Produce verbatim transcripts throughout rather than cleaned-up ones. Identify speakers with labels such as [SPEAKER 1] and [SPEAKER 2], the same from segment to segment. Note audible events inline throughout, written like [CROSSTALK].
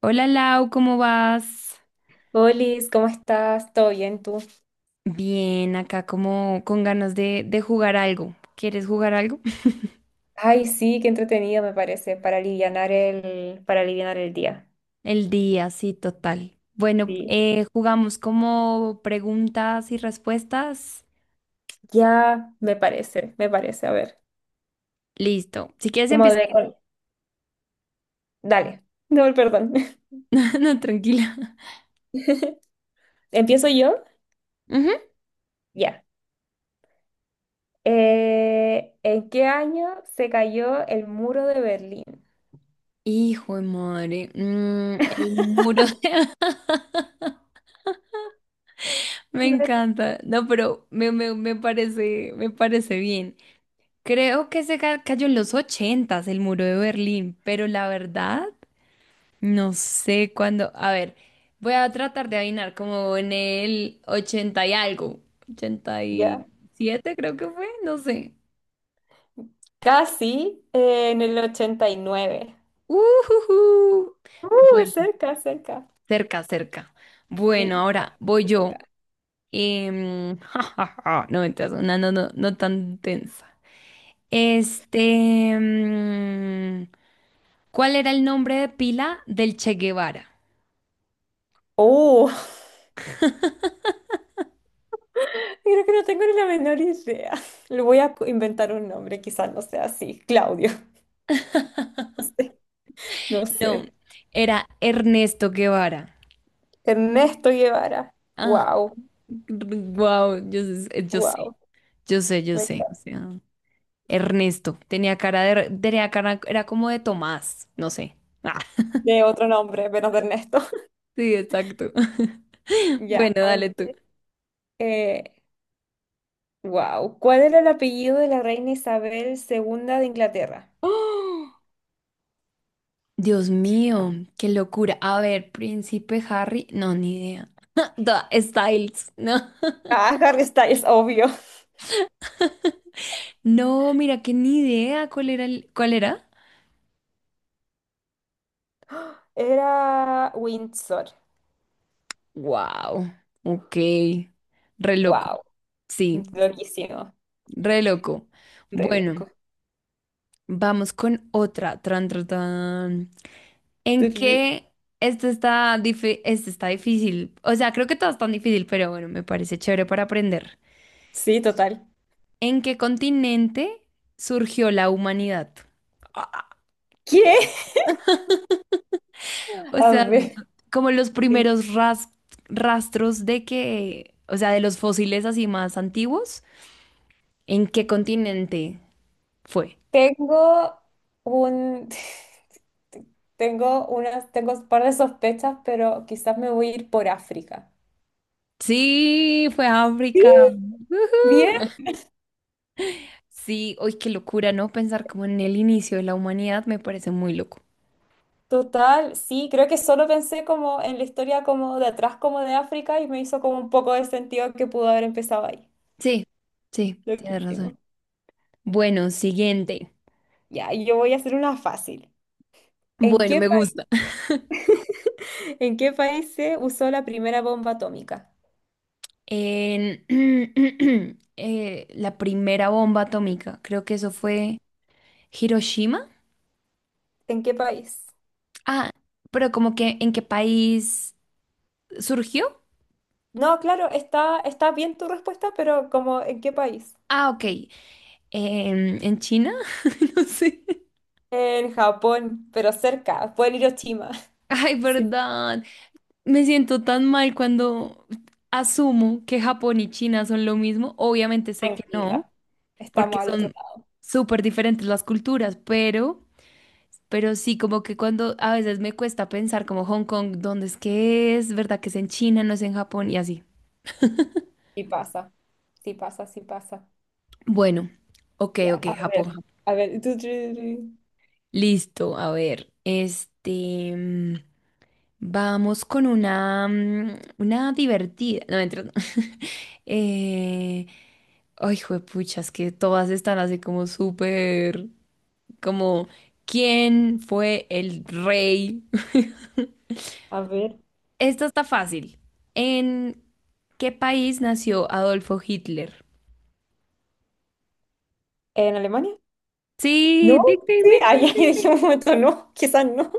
[SPEAKER 1] Hola Lau, ¿cómo vas?
[SPEAKER 2] Olis, ¿cómo estás? ¿Todo bien tú?
[SPEAKER 1] Bien, acá como con ganas de, de jugar algo. ¿Quieres jugar algo? [LAUGHS]
[SPEAKER 2] Ay, sí, qué entretenido me parece para alivianar el, para alivianar el día.
[SPEAKER 1] El día, sí, total. Bueno,
[SPEAKER 2] Sí,
[SPEAKER 1] eh, jugamos como preguntas y respuestas.
[SPEAKER 2] ya me parece, me parece. A ver,
[SPEAKER 1] Listo. Si quieres
[SPEAKER 2] como
[SPEAKER 1] empiezo.
[SPEAKER 2] de... Dale, no, perdón.
[SPEAKER 1] [LAUGHS] No, tranquila.
[SPEAKER 2] [LAUGHS] ¿Empiezo yo?
[SPEAKER 1] Ujú.
[SPEAKER 2] Ya. Eh, ¿en qué año se cayó el muro de Berlín?
[SPEAKER 1] Hijo de madre. Mm, el muro de. [LAUGHS] Me
[SPEAKER 2] A ver,
[SPEAKER 1] encanta. No, pero me, me, me parece, me parece bien. Creo que se ca- cayó en los ochentas el muro de Berlín, pero la verdad. No sé cuándo. A ver, voy a tratar de adivinar como en el ochenta y algo. ochenta y
[SPEAKER 2] ya.
[SPEAKER 1] siete creo que fue, no sé.
[SPEAKER 2] Casi eh, en el ochenta y nueve.
[SPEAKER 1] Ujujú.
[SPEAKER 2] Uh,
[SPEAKER 1] Bueno,
[SPEAKER 2] cerca, cerca.
[SPEAKER 1] cerca, cerca. Bueno,
[SPEAKER 2] Sí,
[SPEAKER 1] ahora voy
[SPEAKER 2] casi
[SPEAKER 1] yo.
[SPEAKER 2] cerca.
[SPEAKER 1] Em, [LAUGHS] ja, ja, ja. No, mentiras, una no, no, no tan tensa. Este, mm, ¿cuál era el nombre de pila del Che Guevara?
[SPEAKER 2] Uh, Creo que no tengo ni la menor idea. [LAUGHS] Le voy a co- inventar un nombre, quizás no sea así. Claudio. [LAUGHS] No sé. No sé.
[SPEAKER 1] No, era Ernesto Guevara.
[SPEAKER 2] Ernesto Guevara.
[SPEAKER 1] Ah,
[SPEAKER 2] Wow,
[SPEAKER 1] wow, yo sé, yo sé,
[SPEAKER 2] wow.
[SPEAKER 1] yo sé, yo
[SPEAKER 2] Me encanta.
[SPEAKER 1] sé, o sea, Ernesto tenía cara de, tenía cara, era como de Tomás, no sé. Ah,
[SPEAKER 2] De otro nombre, menos de Ernesto. [LAUGHS]
[SPEAKER 1] sí, exacto. [LAUGHS]
[SPEAKER 2] Ya,
[SPEAKER 1] Bueno,
[SPEAKER 2] a
[SPEAKER 1] dale tú.
[SPEAKER 2] ver. Eh, wow. ¿Cuál era el apellido de la reina Isabel segunda de Inglaterra?
[SPEAKER 1] ¡Oh! Dios mío, qué locura. A ver, Príncipe Harry, no, ni idea. [LAUGHS] Da- Styles, no.
[SPEAKER 2] Ah, [LAUGHS] Harry Styles, obvio.
[SPEAKER 1] No, mira que ni idea cuál era el- cuál era.
[SPEAKER 2] Era Windsor.
[SPEAKER 1] Wow, ok. Re loco.
[SPEAKER 2] Wow.
[SPEAKER 1] Sí,
[SPEAKER 2] Loquísimo.
[SPEAKER 1] re loco.
[SPEAKER 2] Re
[SPEAKER 1] Bueno.
[SPEAKER 2] loco.
[SPEAKER 1] Vamos con otra. Tran, tran, tran. ¿En
[SPEAKER 2] Tururú.
[SPEAKER 1] qué? Esto está, difi- esto está difícil. O sea, creo que todo es tan difícil, pero bueno, me parece chévere para aprender.
[SPEAKER 2] Sí, total.
[SPEAKER 1] ¿En qué continente surgió la humanidad? Ah,
[SPEAKER 2] ¿Qué?
[SPEAKER 1] ¿qué?
[SPEAKER 2] [LAUGHS]
[SPEAKER 1] O
[SPEAKER 2] A
[SPEAKER 1] sea,
[SPEAKER 2] ver.
[SPEAKER 1] mira, como los primeros ras- rastros de que, o sea, de los fósiles así más antiguos, ¿en qué continente fue?
[SPEAKER 2] Tengo un... [LAUGHS] Tengo unas, tengo un par de sospechas, pero quizás me voy a ir por África.
[SPEAKER 1] Sí, fue
[SPEAKER 2] Sí.
[SPEAKER 1] África.
[SPEAKER 2] Bien.
[SPEAKER 1] Sí, hoy qué locura, ¿no? Pensar como en el inicio de la humanidad me parece muy loco.
[SPEAKER 2] Total, sí, creo que solo pensé como en la historia como de atrás como de África y me hizo como un poco de sentido que pudo haber empezado ahí.
[SPEAKER 1] Sí, sí, tienes razón.
[SPEAKER 2] Loquísimo.
[SPEAKER 1] Bueno, siguiente.
[SPEAKER 2] Ya, y yo voy a hacer una fácil. ¿En
[SPEAKER 1] Bueno,
[SPEAKER 2] qué
[SPEAKER 1] me
[SPEAKER 2] país,
[SPEAKER 1] gusta. [LAUGHS]
[SPEAKER 2] [LAUGHS] en qué país se usó la primera bomba atómica?
[SPEAKER 1] En [CLEARS THROAT] eh, la primera bomba atómica, creo que eso
[SPEAKER 2] Sí.
[SPEAKER 1] fue Hiroshima.
[SPEAKER 2] ¿En qué país?
[SPEAKER 1] Ah, pero como que ¿en qué país surgió?
[SPEAKER 2] No, claro, está, está bien tu respuesta, pero como ¿en qué país?
[SPEAKER 1] Ah, ok. Em, ¿en China? [LAUGHS] No sé.
[SPEAKER 2] En Japón, pero cerca, pueden ir a Oshima. [LAUGHS]
[SPEAKER 1] Ay,
[SPEAKER 2] Sí,
[SPEAKER 1] verdad. Me siento tan mal cuando asumo que Japón y China son lo mismo. Obviamente sé que no,
[SPEAKER 2] tranquila. Estamos
[SPEAKER 1] porque
[SPEAKER 2] al otro
[SPEAKER 1] son
[SPEAKER 2] lado.
[SPEAKER 1] súper diferentes las culturas, pero, pero sí, como que cuando a veces me cuesta pensar como Hong Kong, ¿dónde es que es? ¿Verdad que es en China, no es en Japón? Y así.
[SPEAKER 2] Y pasa. Sí pasa, sí pasa.
[SPEAKER 1] Bueno, ok,
[SPEAKER 2] Ya,
[SPEAKER 1] ok,
[SPEAKER 2] a
[SPEAKER 1] Japón.
[SPEAKER 2] ver.
[SPEAKER 1] Japón.
[SPEAKER 2] A ver. tu, tu, tu.
[SPEAKER 1] Listo, a ver, este, mm, vamos con una, mm, una divertida. No, mentira, no. [LAUGHS] Eh, Ay, juepucha, es que todas están así como súper, como, ¿quién fue el rey?
[SPEAKER 2] A ver.
[SPEAKER 1] [LAUGHS] Esto está fácil. ¿En qué país nació Adolfo Hitler?
[SPEAKER 2] ¿En Alemania?
[SPEAKER 1] Sí,
[SPEAKER 2] No.
[SPEAKER 1] ding, ding,
[SPEAKER 2] Sí,
[SPEAKER 1] ding, ding,
[SPEAKER 2] ahí [LAUGHS]
[SPEAKER 1] ding,
[SPEAKER 2] dije
[SPEAKER 1] ding.
[SPEAKER 2] un momento, no. Quizás no.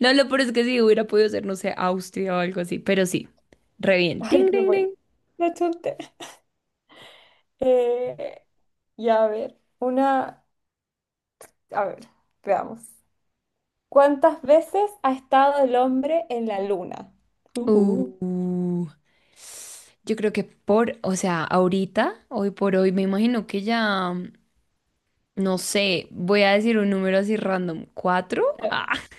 [SPEAKER 1] No, lo peor es que sí, hubiera podido ser, no sé, Austria o algo así, pero sí, re
[SPEAKER 2] [LAUGHS]
[SPEAKER 1] bien.
[SPEAKER 2] Ay,
[SPEAKER 1] Ding,
[SPEAKER 2] qué
[SPEAKER 1] ding,
[SPEAKER 2] bueno.
[SPEAKER 1] ding.
[SPEAKER 2] La chunté. Eh, ya, a ver. Una. A ver, veamos. ¿Cuántas veces ha estado el hombre en la luna? Ujú.
[SPEAKER 1] Uh, yo creo que por, o sea, ahorita, hoy por hoy, me imagino que ya, no sé, voy a decir un número así random, ¿cuatro? [LAUGHS]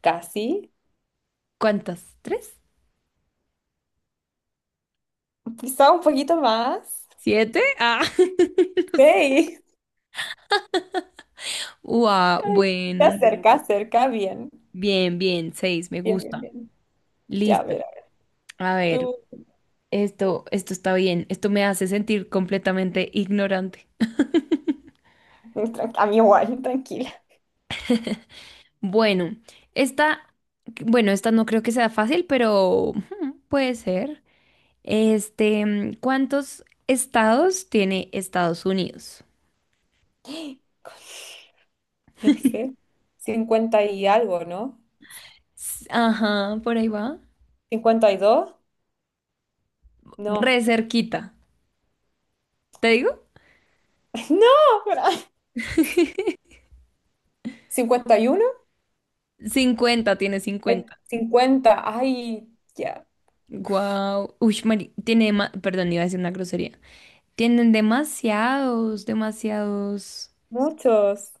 [SPEAKER 2] Casi.
[SPEAKER 1] ¿Cuántas? ¿Tres?
[SPEAKER 2] Quizá un poquito más.
[SPEAKER 1] ¿Siete? Ah, [LAUGHS] no sé.
[SPEAKER 2] Sí.
[SPEAKER 1] Ua,
[SPEAKER 2] Ay, te
[SPEAKER 1] bueno,
[SPEAKER 2] acerca, acerca bien.
[SPEAKER 1] bien, bien, seis, me
[SPEAKER 2] Bien, bien,
[SPEAKER 1] gusta.
[SPEAKER 2] bien. Ya, a
[SPEAKER 1] Listo.
[SPEAKER 2] ver a
[SPEAKER 1] A
[SPEAKER 2] ver.
[SPEAKER 1] ver,
[SPEAKER 2] Uh,
[SPEAKER 1] esto, esto está bien. Esto me hace sentir completamente ignorante.
[SPEAKER 2] tran- a mí igual, tranquila.
[SPEAKER 1] Bueno, esta, bueno, esta no creo que sea fácil, pero hmm, puede ser. Este, mm, ¿cuántos estados tiene Estados Unidos?
[SPEAKER 2] [LAUGHS] No sé. Cincuenta y algo, ¿no?
[SPEAKER 1] S- Ajá, por ahí va.
[SPEAKER 2] Cincuenta y dos.
[SPEAKER 1] Re
[SPEAKER 2] No.
[SPEAKER 1] cerquita. ¿Te digo?
[SPEAKER 2] [LAUGHS] No, pero- ¿cincuenta y uno?
[SPEAKER 1] Cincuenta, tiene
[SPEAKER 2] Ay,
[SPEAKER 1] cincuenta.
[SPEAKER 2] cincuenta. Ay, ya.
[SPEAKER 1] Wow. Uy, mari- tiene dema- perdón, iba a decir una grosería. Tienen demasiados, demasiados.
[SPEAKER 2] Muchos.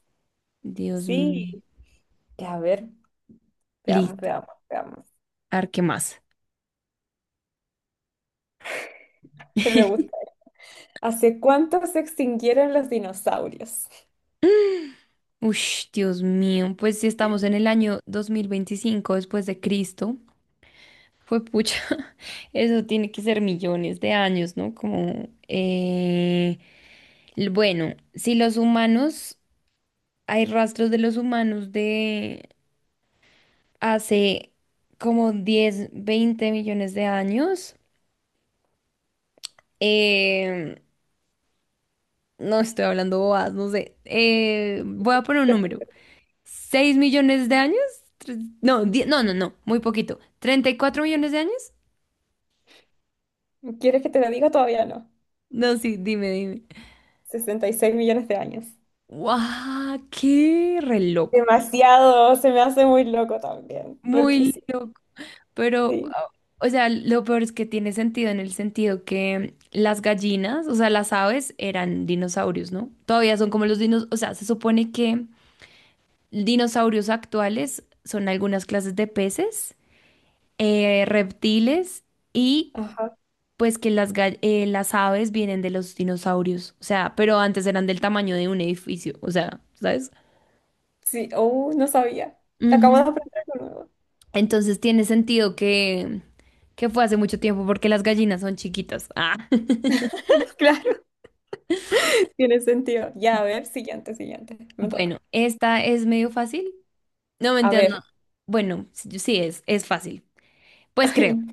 [SPEAKER 1] Dios mío.
[SPEAKER 2] Sí. Ya, a ver. Veamos,
[SPEAKER 1] Listo.
[SPEAKER 2] veamos, veamos.
[SPEAKER 1] A ver, ¿qué más?
[SPEAKER 2] [LAUGHS] Me gusta.
[SPEAKER 1] [LAUGHS]
[SPEAKER 2] ¿Hace cuánto se extinguieron los dinosaurios?
[SPEAKER 1] Uy, Dios mío. Pues si estamos en el año dos mil veinticinco después de Cristo, fue pucha. [LAUGHS] Eso tiene que ser millones de años, ¿no? Como, eh, l- bueno, si los humanos, hay rastros de los humanos de hace como diez, veinte millones de años. Eh, no estoy hablando bobadas, no sé. Eh, voy a poner un número.
[SPEAKER 2] [LAUGHS]
[SPEAKER 1] ¿Seis millones de años? Tres- No, die- no, no, no, muy poquito. ¿Treinta y cuatro millones de años?
[SPEAKER 2] ¿Quieres que te lo diga? Todavía no.
[SPEAKER 1] No, sí, dime, dime.
[SPEAKER 2] Sesenta y seis millones de años.
[SPEAKER 1] ¡Guau! ¡Qué re loco!
[SPEAKER 2] Demasiado, se me hace muy loco también.
[SPEAKER 1] Muy
[SPEAKER 2] Loquísimo,
[SPEAKER 1] loco. Pero,
[SPEAKER 2] sí.
[SPEAKER 1] ah, o sea, lo peor es que tiene sentido en el sentido que las gallinas, o sea, las aves eran dinosaurios, ¿no? Todavía son como los dinosaurios, o sea, se supone que dinosaurios actuales son algunas clases de peces, eh, reptiles y
[SPEAKER 2] Ajá.
[SPEAKER 1] pues que las, gall- eh, las aves vienen de los dinosaurios, o sea, pero antes eran del tamaño de un edificio, o sea, ¿sabes?
[SPEAKER 2] Sí, oh, no sabía. Acabo de
[SPEAKER 1] Ujú.
[SPEAKER 2] aprender algo nuevo.
[SPEAKER 1] Entonces tiene sentido que, que fue hace mucho tiempo porque las gallinas son chiquitas. Ah. [LAUGHS]
[SPEAKER 2] [LAUGHS] Claro, tiene sentido. Ya, a ver, siguiente, siguiente. Me
[SPEAKER 1] Bueno,
[SPEAKER 2] toca.
[SPEAKER 1] esta es medio fácil. No me
[SPEAKER 2] A
[SPEAKER 1] entiendo.
[SPEAKER 2] ver.
[SPEAKER 1] Bueno, sí sí es, es fácil.
[SPEAKER 2] [LAUGHS]
[SPEAKER 1] Pues creo.
[SPEAKER 2] Ay,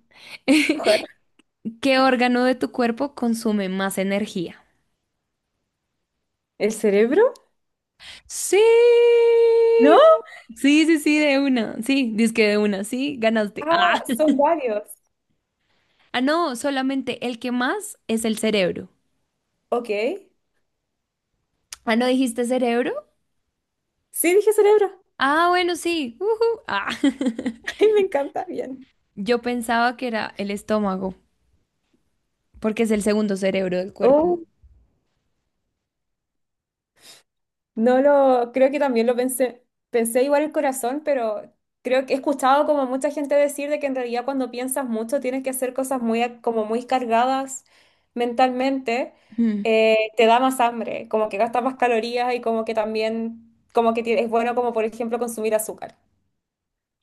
[SPEAKER 2] ojalá.
[SPEAKER 1] [LAUGHS] ¿Qué órgano de tu cuerpo consume más energía?
[SPEAKER 2] ¿El cerebro?
[SPEAKER 1] Sí,
[SPEAKER 2] ¿No?
[SPEAKER 1] sí, sí, sí, de una. Sí, que de una. Sí, ganaste. Ah.
[SPEAKER 2] Ah,
[SPEAKER 1] [LAUGHS]
[SPEAKER 2] son varios.
[SPEAKER 1] Ah, no, solamente el que más es el cerebro.
[SPEAKER 2] Ok.
[SPEAKER 1] Ah, ¿no dijiste cerebro?
[SPEAKER 2] Sí, dije cerebro.
[SPEAKER 1] Ah, bueno, sí. Ujú. Ah.
[SPEAKER 2] [LAUGHS]
[SPEAKER 1] [LAUGHS]
[SPEAKER 2] Ay, me encanta, bien.
[SPEAKER 1] Yo pensaba que era el estómago, porque es el segundo cerebro del cuerpo.
[SPEAKER 2] Oh, no lo, creo que también lo pensé, pensé igual el corazón, pero creo que he escuchado como mucha gente decir de que en realidad cuando piensas mucho tienes que hacer cosas muy, a- como muy cargadas mentalmente,
[SPEAKER 1] Mm.
[SPEAKER 2] eh, te da más hambre, como que gastas más calorías y como que también, como que ti- es bueno como por ejemplo consumir azúcar,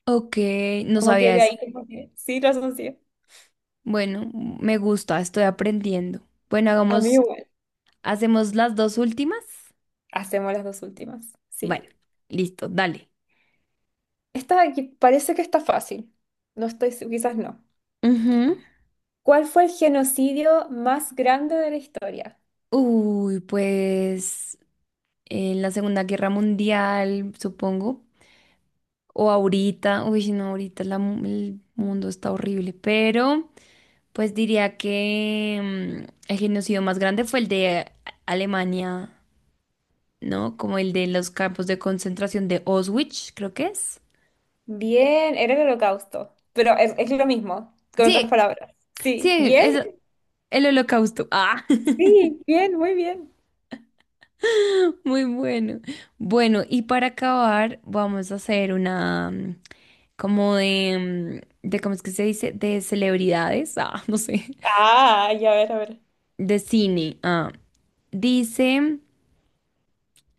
[SPEAKER 1] Ok, no
[SPEAKER 2] como que
[SPEAKER 1] sabía
[SPEAKER 2] de
[SPEAKER 1] eso.
[SPEAKER 2] ahí como que, sí, razón sí.
[SPEAKER 1] Bueno, me gusta, estoy aprendiendo. Bueno,
[SPEAKER 2] A mí
[SPEAKER 1] hagamos,
[SPEAKER 2] igual,
[SPEAKER 1] hacemos las dos últimas.
[SPEAKER 2] hacemos las dos últimas,
[SPEAKER 1] Bueno,
[SPEAKER 2] sí.
[SPEAKER 1] listo, dale.
[SPEAKER 2] Esta aquí parece que está fácil, no estoy, se- quizás no.
[SPEAKER 1] Ujú.
[SPEAKER 2] ¿Cuál fue el genocidio más grande de la historia?
[SPEAKER 1] Uy, pues, en la Segunda Guerra Mundial, supongo, o ahorita, uy, no, ahorita la mu- el mundo está horrible, pero pues diría que mm, el genocidio más grande fue el de A- Alemania, ¿no? Como el de los campos de concentración de Auschwitz, creo que es.
[SPEAKER 2] Bien, era el Holocausto, pero es, es lo mismo, con otras
[SPEAKER 1] Sí,
[SPEAKER 2] palabras. Sí,
[SPEAKER 1] sí,
[SPEAKER 2] bien,
[SPEAKER 1] es el Holocausto. Ah,
[SPEAKER 2] sí, bien, muy bien.
[SPEAKER 1] [LAUGHS] muy bueno. Bueno, y para acabar, vamos a hacer una, mm, como de, mm, de, ¿cómo es que se dice? De celebridades. Ah, [LAUGHS] no sé.
[SPEAKER 2] Ah, ya, a ver, a ver.
[SPEAKER 1] De cine. Ah, dice,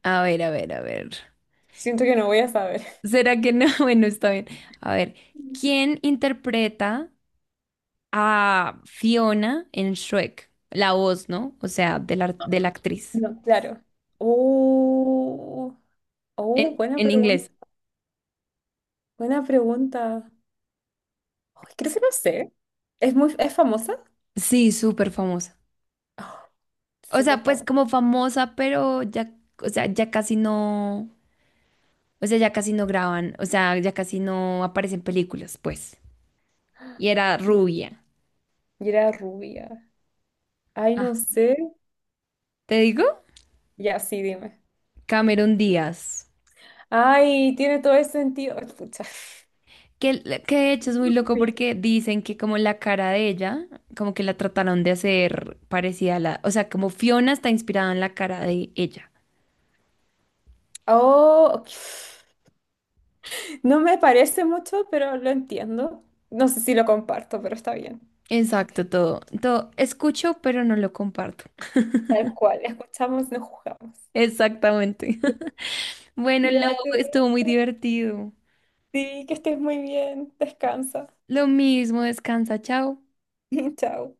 [SPEAKER 1] a ver, a ver, a ver.
[SPEAKER 2] Siento que no voy a saber.
[SPEAKER 1] ¿Será que no? [LAUGHS] Bueno, está bien. A ver, ¿quién interpreta a Fiona en Shrek? La voz, ¿no? O sea, de la, de la actriz.
[SPEAKER 2] No, claro. Uh, oh,
[SPEAKER 1] En,
[SPEAKER 2] buena
[SPEAKER 1] en
[SPEAKER 2] pregunta.
[SPEAKER 1] inglés.
[SPEAKER 2] Buena pregunta. Ay, creo que no sé. ¿Es muy, es famosa?
[SPEAKER 1] Sí, súper famosa.
[SPEAKER 2] Oh,
[SPEAKER 1] O
[SPEAKER 2] súper
[SPEAKER 1] sea, pues
[SPEAKER 2] famosa.
[SPEAKER 1] como famosa, pero ya, o sea, ya casi no, o sea, ya casi no graban, o sea, ya casi no aparecen películas, pues. Y era
[SPEAKER 2] Y
[SPEAKER 1] rubia.
[SPEAKER 2] y era rubia. Ay,
[SPEAKER 1] Ah.
[SPEAKER 2] no sé.
[SPEAKER 1] ¿Te digo?
[SPEAKER 2] Ya, sí, dime.
[SPEAKER 1] Cameron Díaz.
[SPEAKER 2] Ay, tiene todo el sentido. Ay, pucha.
[SPEAKER 1] Que, que de hecho es muy loco
[SPEAKER 2] [LAUGHS]
[SPEAKER 1] porque dicen que como la cara de ella, como que la trataron de hacer parecida a la, o sea, como Fiona está inspirada en la cara de ella.
[SPEAKER 2] Oh, ok, no me parece mucho, pero lo entiendo. No sé si lo comparto, pero está bien.
[SPEAKER 1] Exacto, todo, todo. Escucho, pero no lo comparto.
[SPEAKER 2] Tal cual, escuchamos, no juzgamos.
[SPEAKER 1] Exactamente. [LAUGHS] Bueno, Lau,
[SPEAKER 2] Ya te
[SPEAKER 1] estuvo muy
[SPEAKER 2] dejo.
[SPEAKER 1] divertido.
[SPEAKER 2] Sí, que estés muy bien. Descansa.
[SPEAKER 1] Lo mismo, descansa, chao.
[SPEAKER 2] [LAUGHS] Chao.